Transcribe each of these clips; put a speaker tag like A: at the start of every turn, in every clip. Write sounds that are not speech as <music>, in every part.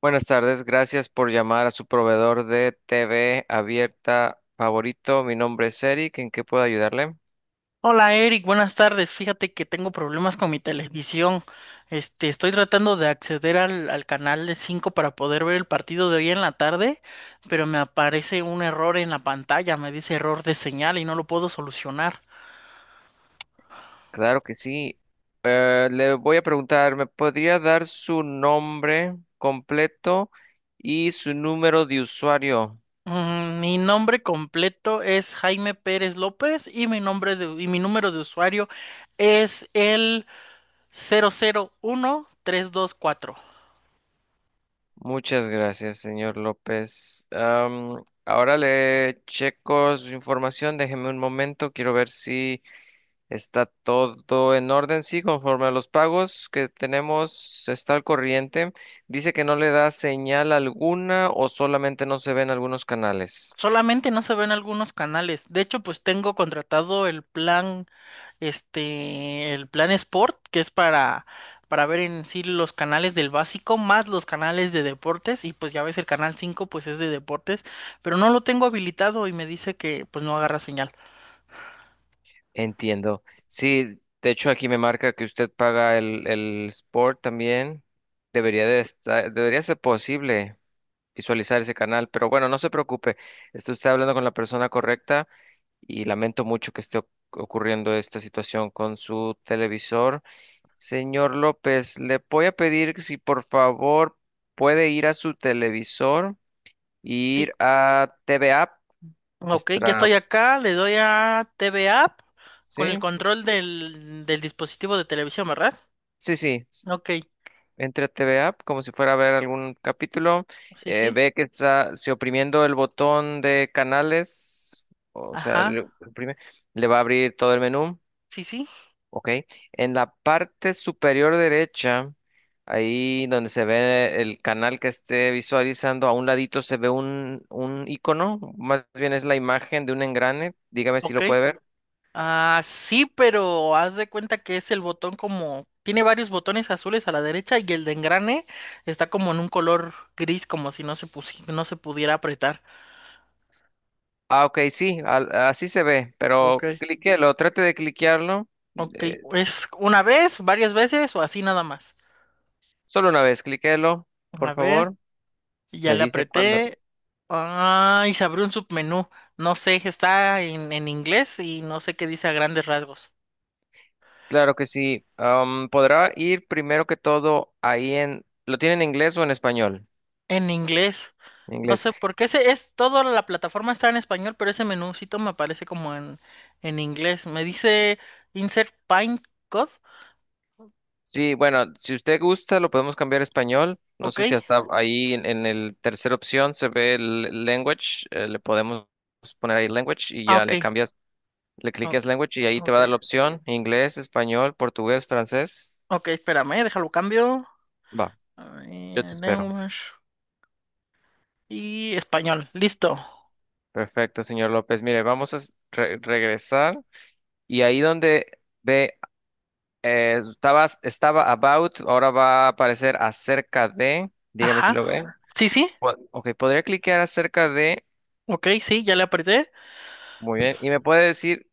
A: Buenas tardes, gracias por llamar a su proveedor de TV abierta favorito. Mi nombre es Eric, ¿en qué puedo ayudarle?
B: Hola Eric, buenas tardes. Fíjate que tengo problemas con mi televisión. Estoy tratando de acceder al canal de 5 para poder ver el partido de hoy en la tarde, pero me aparece un error en la pantalla, me dice error de señal y no lo puedo solucionar.
A: Claro que sí. Le voy a preguntar, ¿me podría dar su nombre completo y su número de usuario?
B: Mi nombre completo es Jaime Pérez López y y mi número de usuario es el 001324.
A: Muchas gracias, señor López. Ahora le checo su información, déjeme un momento, quiero ver si. Está todo en orden, sí, conforme a los pagos que tenemos, está al corriente. Dice que no le da señal alguna o solamente no se ven algunos canales.
B: Solamente no se ven algunos canales. De hecho, pues tengo contratado el plan este, el plan Sport, que es para ver en sí los canales del básico, más los canales de deportes, y pues ya ves el canal 5 pues es de deportes, pero no lo tengo habilitado y me dice que pues no agarra señal.
A: Entiendo. Sí, de hecho aquí me marca que usted paga el Sport también. Debería de estar, debería ser posible visualizar ese canal, pero bueno, no se preocupe. Está usted hablando con la persona correcta y lamento mucho que esté ocurriendo esta situación con su televisor. Señor López, le voy a pedir si por favor puede ir a su televisor y
B: Sí,
A: ir a TV App,
B: ok, ya
A: nuestra,
B: estoy acá, le doy a TV App con el
A: sí,
B: control del dispositivo de televisión, ¿verdad?
A: sí, sí,
B: Ok,
A: entre a TV App como si fuera a ver algún capítulo,
B: sí, sí,
A: ve que está si oprimiendo el botón de canales, o sea,
B: ajá,
A: oprime, le va a abrir todo el menú.
B: sí, sí,
A: Ok, en la parte superior derecha, ahí donde se ve el canal que esté visualizando, a un ladito se ve un icono, más bien es la imagen de un engrane, dígame si
B: ok.
A: lo puede ver.
B: Ah, sí, pero haz de cuenta que es el botón como... Tiene varios botones azules a la derecha y el de engrane está como en un color gris, como si no se pudiera apretar.
A: Ah, ok, sí, así se ve, pero
B: Ok.
A: cliquélo, trate de cliquearlo,
B: Ok,
A: eh,
B: ¿es una vez, varias veces o así nada más?
A: solo una vez, cliquélo, por
B: A ver,
A: favor.
B: ya
A: Me
B: le
A: dice cuándo.
B: apreté. Ah, y se abrió un submenú. No sé, está en inglés y no sé qué dice a grandes rasgos.
A: Claro que sí, podrá ir primero que todo ahí en, ¿lo tiene en inglés o en español?
B: En inglés.
A: En
B: No
A: inglés.
B: sé por qué ese es toda la plataforma está en español, pero ese menúcito me aparece como en inglés. Me dice insert pine code.
A: Sí, bueno, si usted gusta, lo podemos cambiar a español. No
B: Ok.
A: sé si hasta ahí en el tercera opción se ve el language. Le podemos poner ahí language y
B: Ah,
A: ya le
B: ok.
A: cambias, le cliques
B: Ok.
A: language y ahí te va a
B: Ok.
A: dar la opción inglés, español, portugués, francés.
B: Ok, espérame, déjalo cambio.
A: Va,
B: A
A: yo te
B: ver,
A: espero.
B: lenguas y español. Listo.
A: Perfecto, señor López. Mire, vamos a regresar y ahí donde ve, estaba about, ahora va a aparecer acerca de. Dígame si
B: Ajá.
A: lo ve.
B: Sí, sí.
A: Ok, podría cliquear acerca de.
B: Ok, sí, ya le apreté.
A: Muy bien. ¿Y me puede decir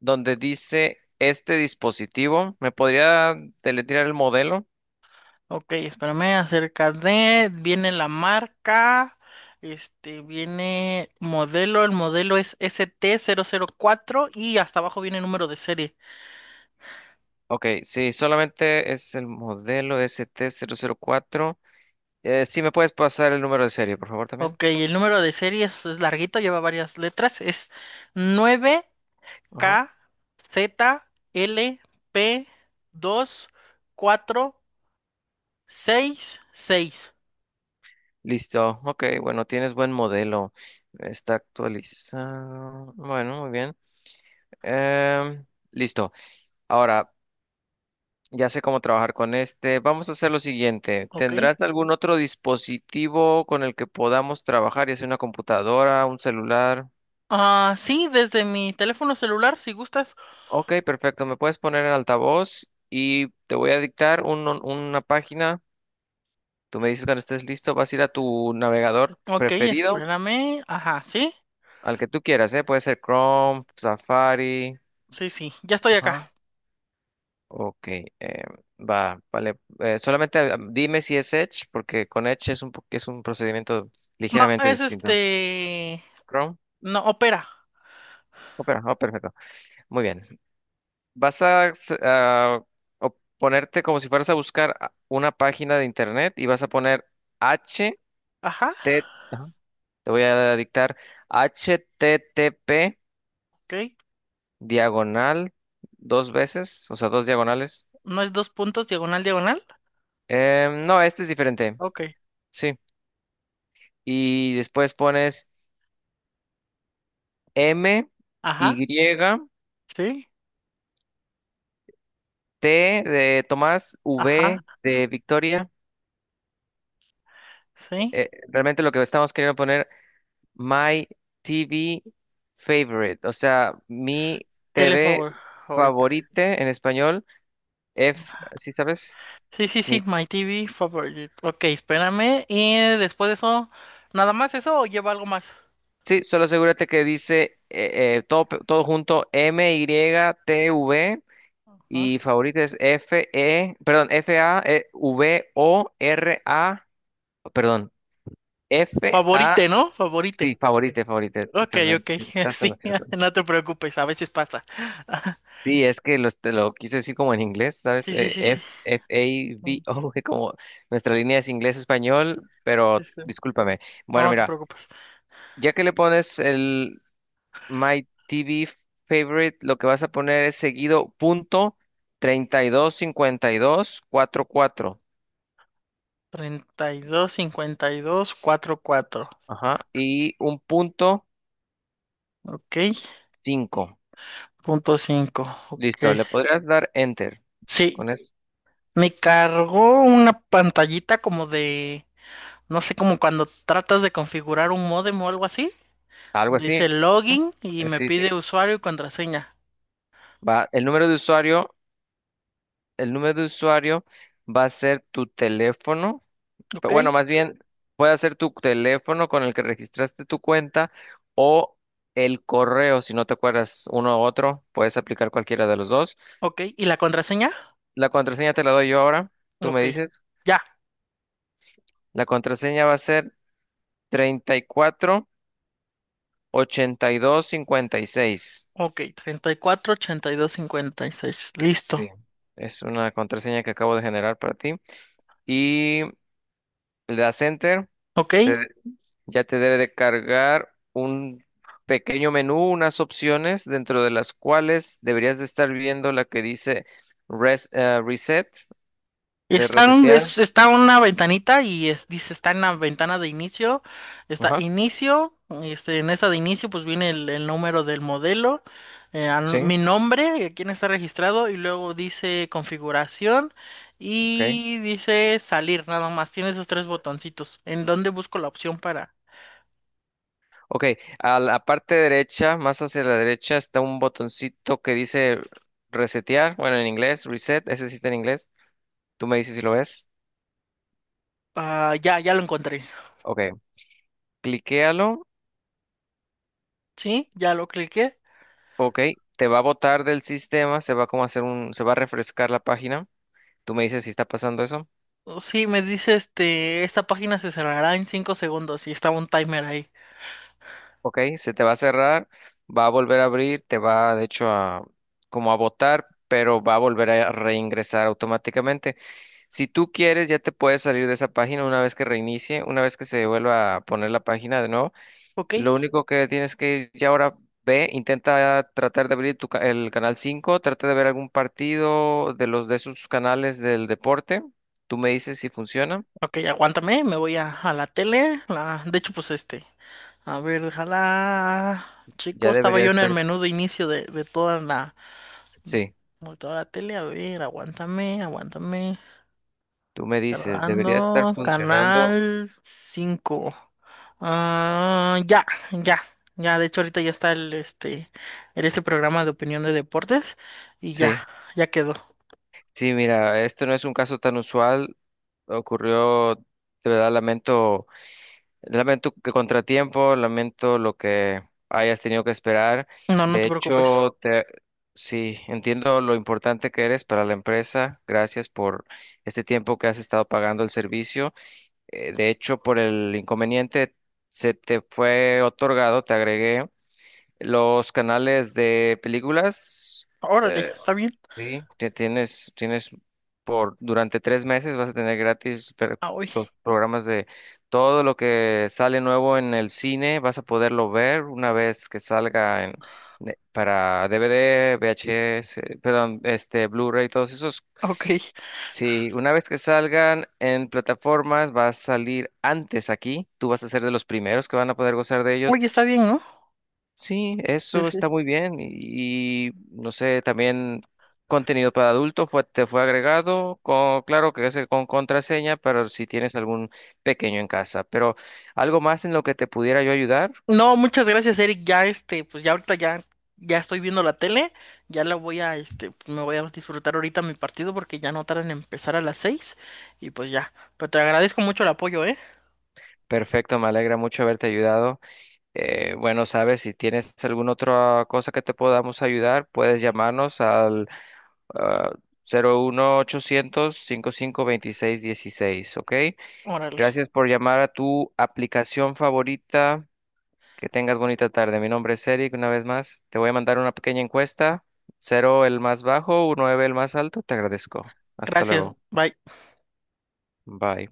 A: dónde dice este dispositivo? ¿Me podría deletrear el modelo?
B: Ok, espérame, acerca de, viene la marca, este, viene modelo, el modelo es ST004 y hasta abajo viene el número de serie.
A: Ok, sí, solamente es el modelo ST004. Sí, ¿me puedes pasar el número de serie, por favor, también?
B: Ok, el número de serie es larguito, lleva varias letras, es nueve
A: Ajá.
B: K Z L P dos cuatro seis seis.
A: Listo. Ok, bueno, tienes buen modelo. Está actualizado. Bueno, muy bien. Em, Listo. Ahora, ya sé cómo trabajar con este. Vamos a hacer lo siguiente.
B: Ok.
A: ¿Tendrás algún otro dispositivo con el que podamos trabajar, ya sea una computadora, un celular?
B: Ah, sí, desde mi teléfono celular, si gustas.
A: Ok, perfecto. Me puedes poner en altavoz y te voy a dictar una página. Tú me dices cuando estés listo, vas a ir a tu navegador
B: Ok,
A: preferido,
B: espérame. Ajá, sí,
A: al que tú quieras, ¿eh? Puede ser Chrome, Safari.
B: sí, sí, ya estoy
A: Ajá.
B: acá.
A: Ok, va, vale. Solamente dime si es Edge, porque con Edge es un procedimiento
B: No,
A: ligeramente
B: es
A: distinto.
B: este.
A: Chrome.
B: No, opera.
A: Opera, perfecto. Muy bien. Vas a ponerte como si fueras a buscar una página de internet y vas a poner H
B: Ajá,
A: Ajá, te voy a dictar h t t p
B: ok.
A: diagonal dos veces, o sea, dos diagonales.
B: No es dos puntos, diagonal, diagonal.
A: No, este es diferente.
B: Ok.
A: Sí. Y después pones M
B: Ajá,
A: Y
B: sí.
A: T de Tomás,
B: Ajá,
A: V de Victoria.
B: sí.
A: Realmente lo que estamos queriendo poner My TV favorite, o sea, mi TV
B: Telefavor, ahorita.
A: favorite en español, F, ¿sí sabes?
B: Sí, sí, sí,
A: Mi,
B: My TV favorite. Ok, espérame. Y después de eso, ¿nada más eso o lleva algo más?
A: sí, solo asegúrate que dice todo, todo junto M-Y-T-V y T V
B: Ajá.
A: y favorita es F-E, perdón, F-A-V-O-R-A, perdón, F-A,
B: Favorite, ¿no?
A: sí,
B: Favorite.
A: favorite, favorite,
B: Ok,
A: totalmente,
B: ok. <laughs>
A: estás en lo
B: Sí,
A: cierto.
B: <laughs> no te preocupes, a veces pasa. <laughs>
A: Sí, es que te lo quise decir como en inglés, ¿sabes?
B: Sí, sí, sí, sí.
A: F, F A B
B: Mm,
A: O, <laughs> como nuestra línea es inglés-español,
B: Sí,
A: pero
B: sí.
A: discúlpame.
B: No
A: Bueno,
B: no te
A: mira,
B: preocupes.
A: ya que le pones el My TV Favorite, lo que vas a poner es seguido punto treinta y dos cincuenta y dos dos cincuenta cuatro,
B: Treinta y dos cincuenta y dos cuatro cuatro.
A: ajá, y un punto
B: Ok,
A: 5.
B: punto cinco,
A: Listo,
B: ok.
A: le podrías dar Enter.
B: Sí,
A: Con eso,
B: me cargó una pantallita como de, no sé, como cuando tratas de configurar un módem o algo así,
A: algo
B: donde
A: así.
B: dice login y me
A: Sí, sí.
B: pide usuario y contraseña.
A: Va, el número de usuario va a ser tu teléfono,
B: Ok,
A: bueno, más bien puede ser tu teléfono con el que registraste tu cuenta o el correo, si no te acuerdas uno u otro, puedes aplicar cualquiera de los dos.
B: ok, ¿y la contraseña?
A: La contraseña te la doy yo ahora, tú me
B: Ok,
A: dices,
B: ya,
A: la contraseña va a ser treinta y cuatro ochenta y dos cincuenta y seis.
B: ok, 34, 82, 56. Listo.
A: Sí, es una contraseña que acabo de generar para ti. Y le das enter.
B: Ok,
A: Ya te debe de cargar un pequeño menú, unas opciones dentro de las cuales deberías de estar viendo la que dice reset, de resetear.
B: Está una ventanita y dice, está en la ventana de inicio, está
A: Ajá,
B: inicio, este, en esa de inicio pues viene el número del modelo,
A: sí,
B: mi nombre, quién está registrado y luego dice configuración
A: ok.
B: y dice salir, nada más, tiene esos tres botoncitos. ¿En dónde busco la opción para?
A: Ok, a la parte derecha, más hacia la derecha, está un botoncito que dice resetear, bueno, en inglés, reset, ese sí está en inglés. Tú me dices si lo ves.
B: Ah, ya, ya lo encontré,
A: Ok, cliquéalo.
B: ¿sí? Ya lo cliqué.
A: Ok, te va a botar del sistema, se va a refrescar la página. Tú me dices si está pasando eso.
B: Oh, sí, me dice este, esta página se cerrará en 5 segundos y estaba un timer ahí.
A: Ok, se te va a cerrar, va a volver a abrir, te va de hecho a como a botar, pero va a volver a reingresar automáticamente. Si tú quieres, ya te puedes salir de esa página una vez que reinicie, una vez que se vuelva a poner la página de nuevo.
B: Ok,
A: Lo único que tienes que ya ahora ve, intenta tratar de abrir tu el canal 5, trata de ver algún partido de los de esos canales del deporte. Tú me dices si funciona.
B: ok, aguántame, me voy a la tele. La, de hecho, pues este. A ver, déjala. Chico,
A: Ya
B: estaba
A: debería
B: yo en el
A: estar.
B: menú de inicio de, de toda la,
A: Sí,
B: de toda la tele. A ver, aguántame, aguántame.
A: tú me dices, debería estar
B: Cerrando,
A: funcionando.
B: canal 5. Ah, ya, ya, ya. De hecho, ahorita ya está el, este programa de opinión de deportes. Y ya,
A: Sí.
B: ya quedó.
A: Sí, mira, este no es un caso tan usual. Ocurrió, de verdad, lamento que contratiempo, lamento lo que hayas tenido que esperar.
B: No, no
A: De
B: te preocupes.
A: hecho, sí, entiendo lo importante que eres para la empresa. Gracias por este tiempo que has estado pagando el servicio. De hecho, por el inconveniente, se te fue otorgado, te agregué los canales de películas.
B: Órale,
A: eh,
B: está bien.
A: Sí, tienes por durante 3 meses vas a tener gratis
B: Ah, hoy.
A: los programas de todo lo que sale nuevo en el cine, vas a poderlo ver una vez que salga para DVD, VHS, perdón, este Blu-ray, todos esos.
B: Ok.
A: Sí, una vez que salgan en plataformas, va a salir antes aquí. Tú vas a ser de los primeros que van a poder gozar de ellos.
B: Oye, está bien, ¿no?
A: Sí,
B: Sí,
A: eso está
B: sí.
A: muy bien y, no sé, también contenido para adultos te fue agregado, con, claro que es con contraseña, pero si tienes algún pequeño en casa, pero algo más en lo que te pudiera yo ayudar,
B: No, muchas gracias, Eric. Ya este, pues ya ahorita ya, ya estoy viendo la tele. Ya la voy a, pues, me voy a disfrutar ahorita mi partido porque ya no tarda en empezar a las 6. Y pues ya. Pero te agradezco mucho el apoyo, ¿eh?
A: perfecto, me alegra mucho haberte ayudado. Bueno, sabes, si tienes alguna otra cosa que te podamos ayudar, puedes llamarnos al ah, 01800-552616, ¿ok?
B: Órale.
A: Gracias por llamar a tu aplicación favorita. Que tengas bonita tarde. Mi nombre es Eric, una vez más. Te voy a mandar una pequeña encuesta. Cero el más bajo, nueve el más alto. Te agradezco. Hasta
B: Gracias.
A: luego.
B: Bye.
A: Bye.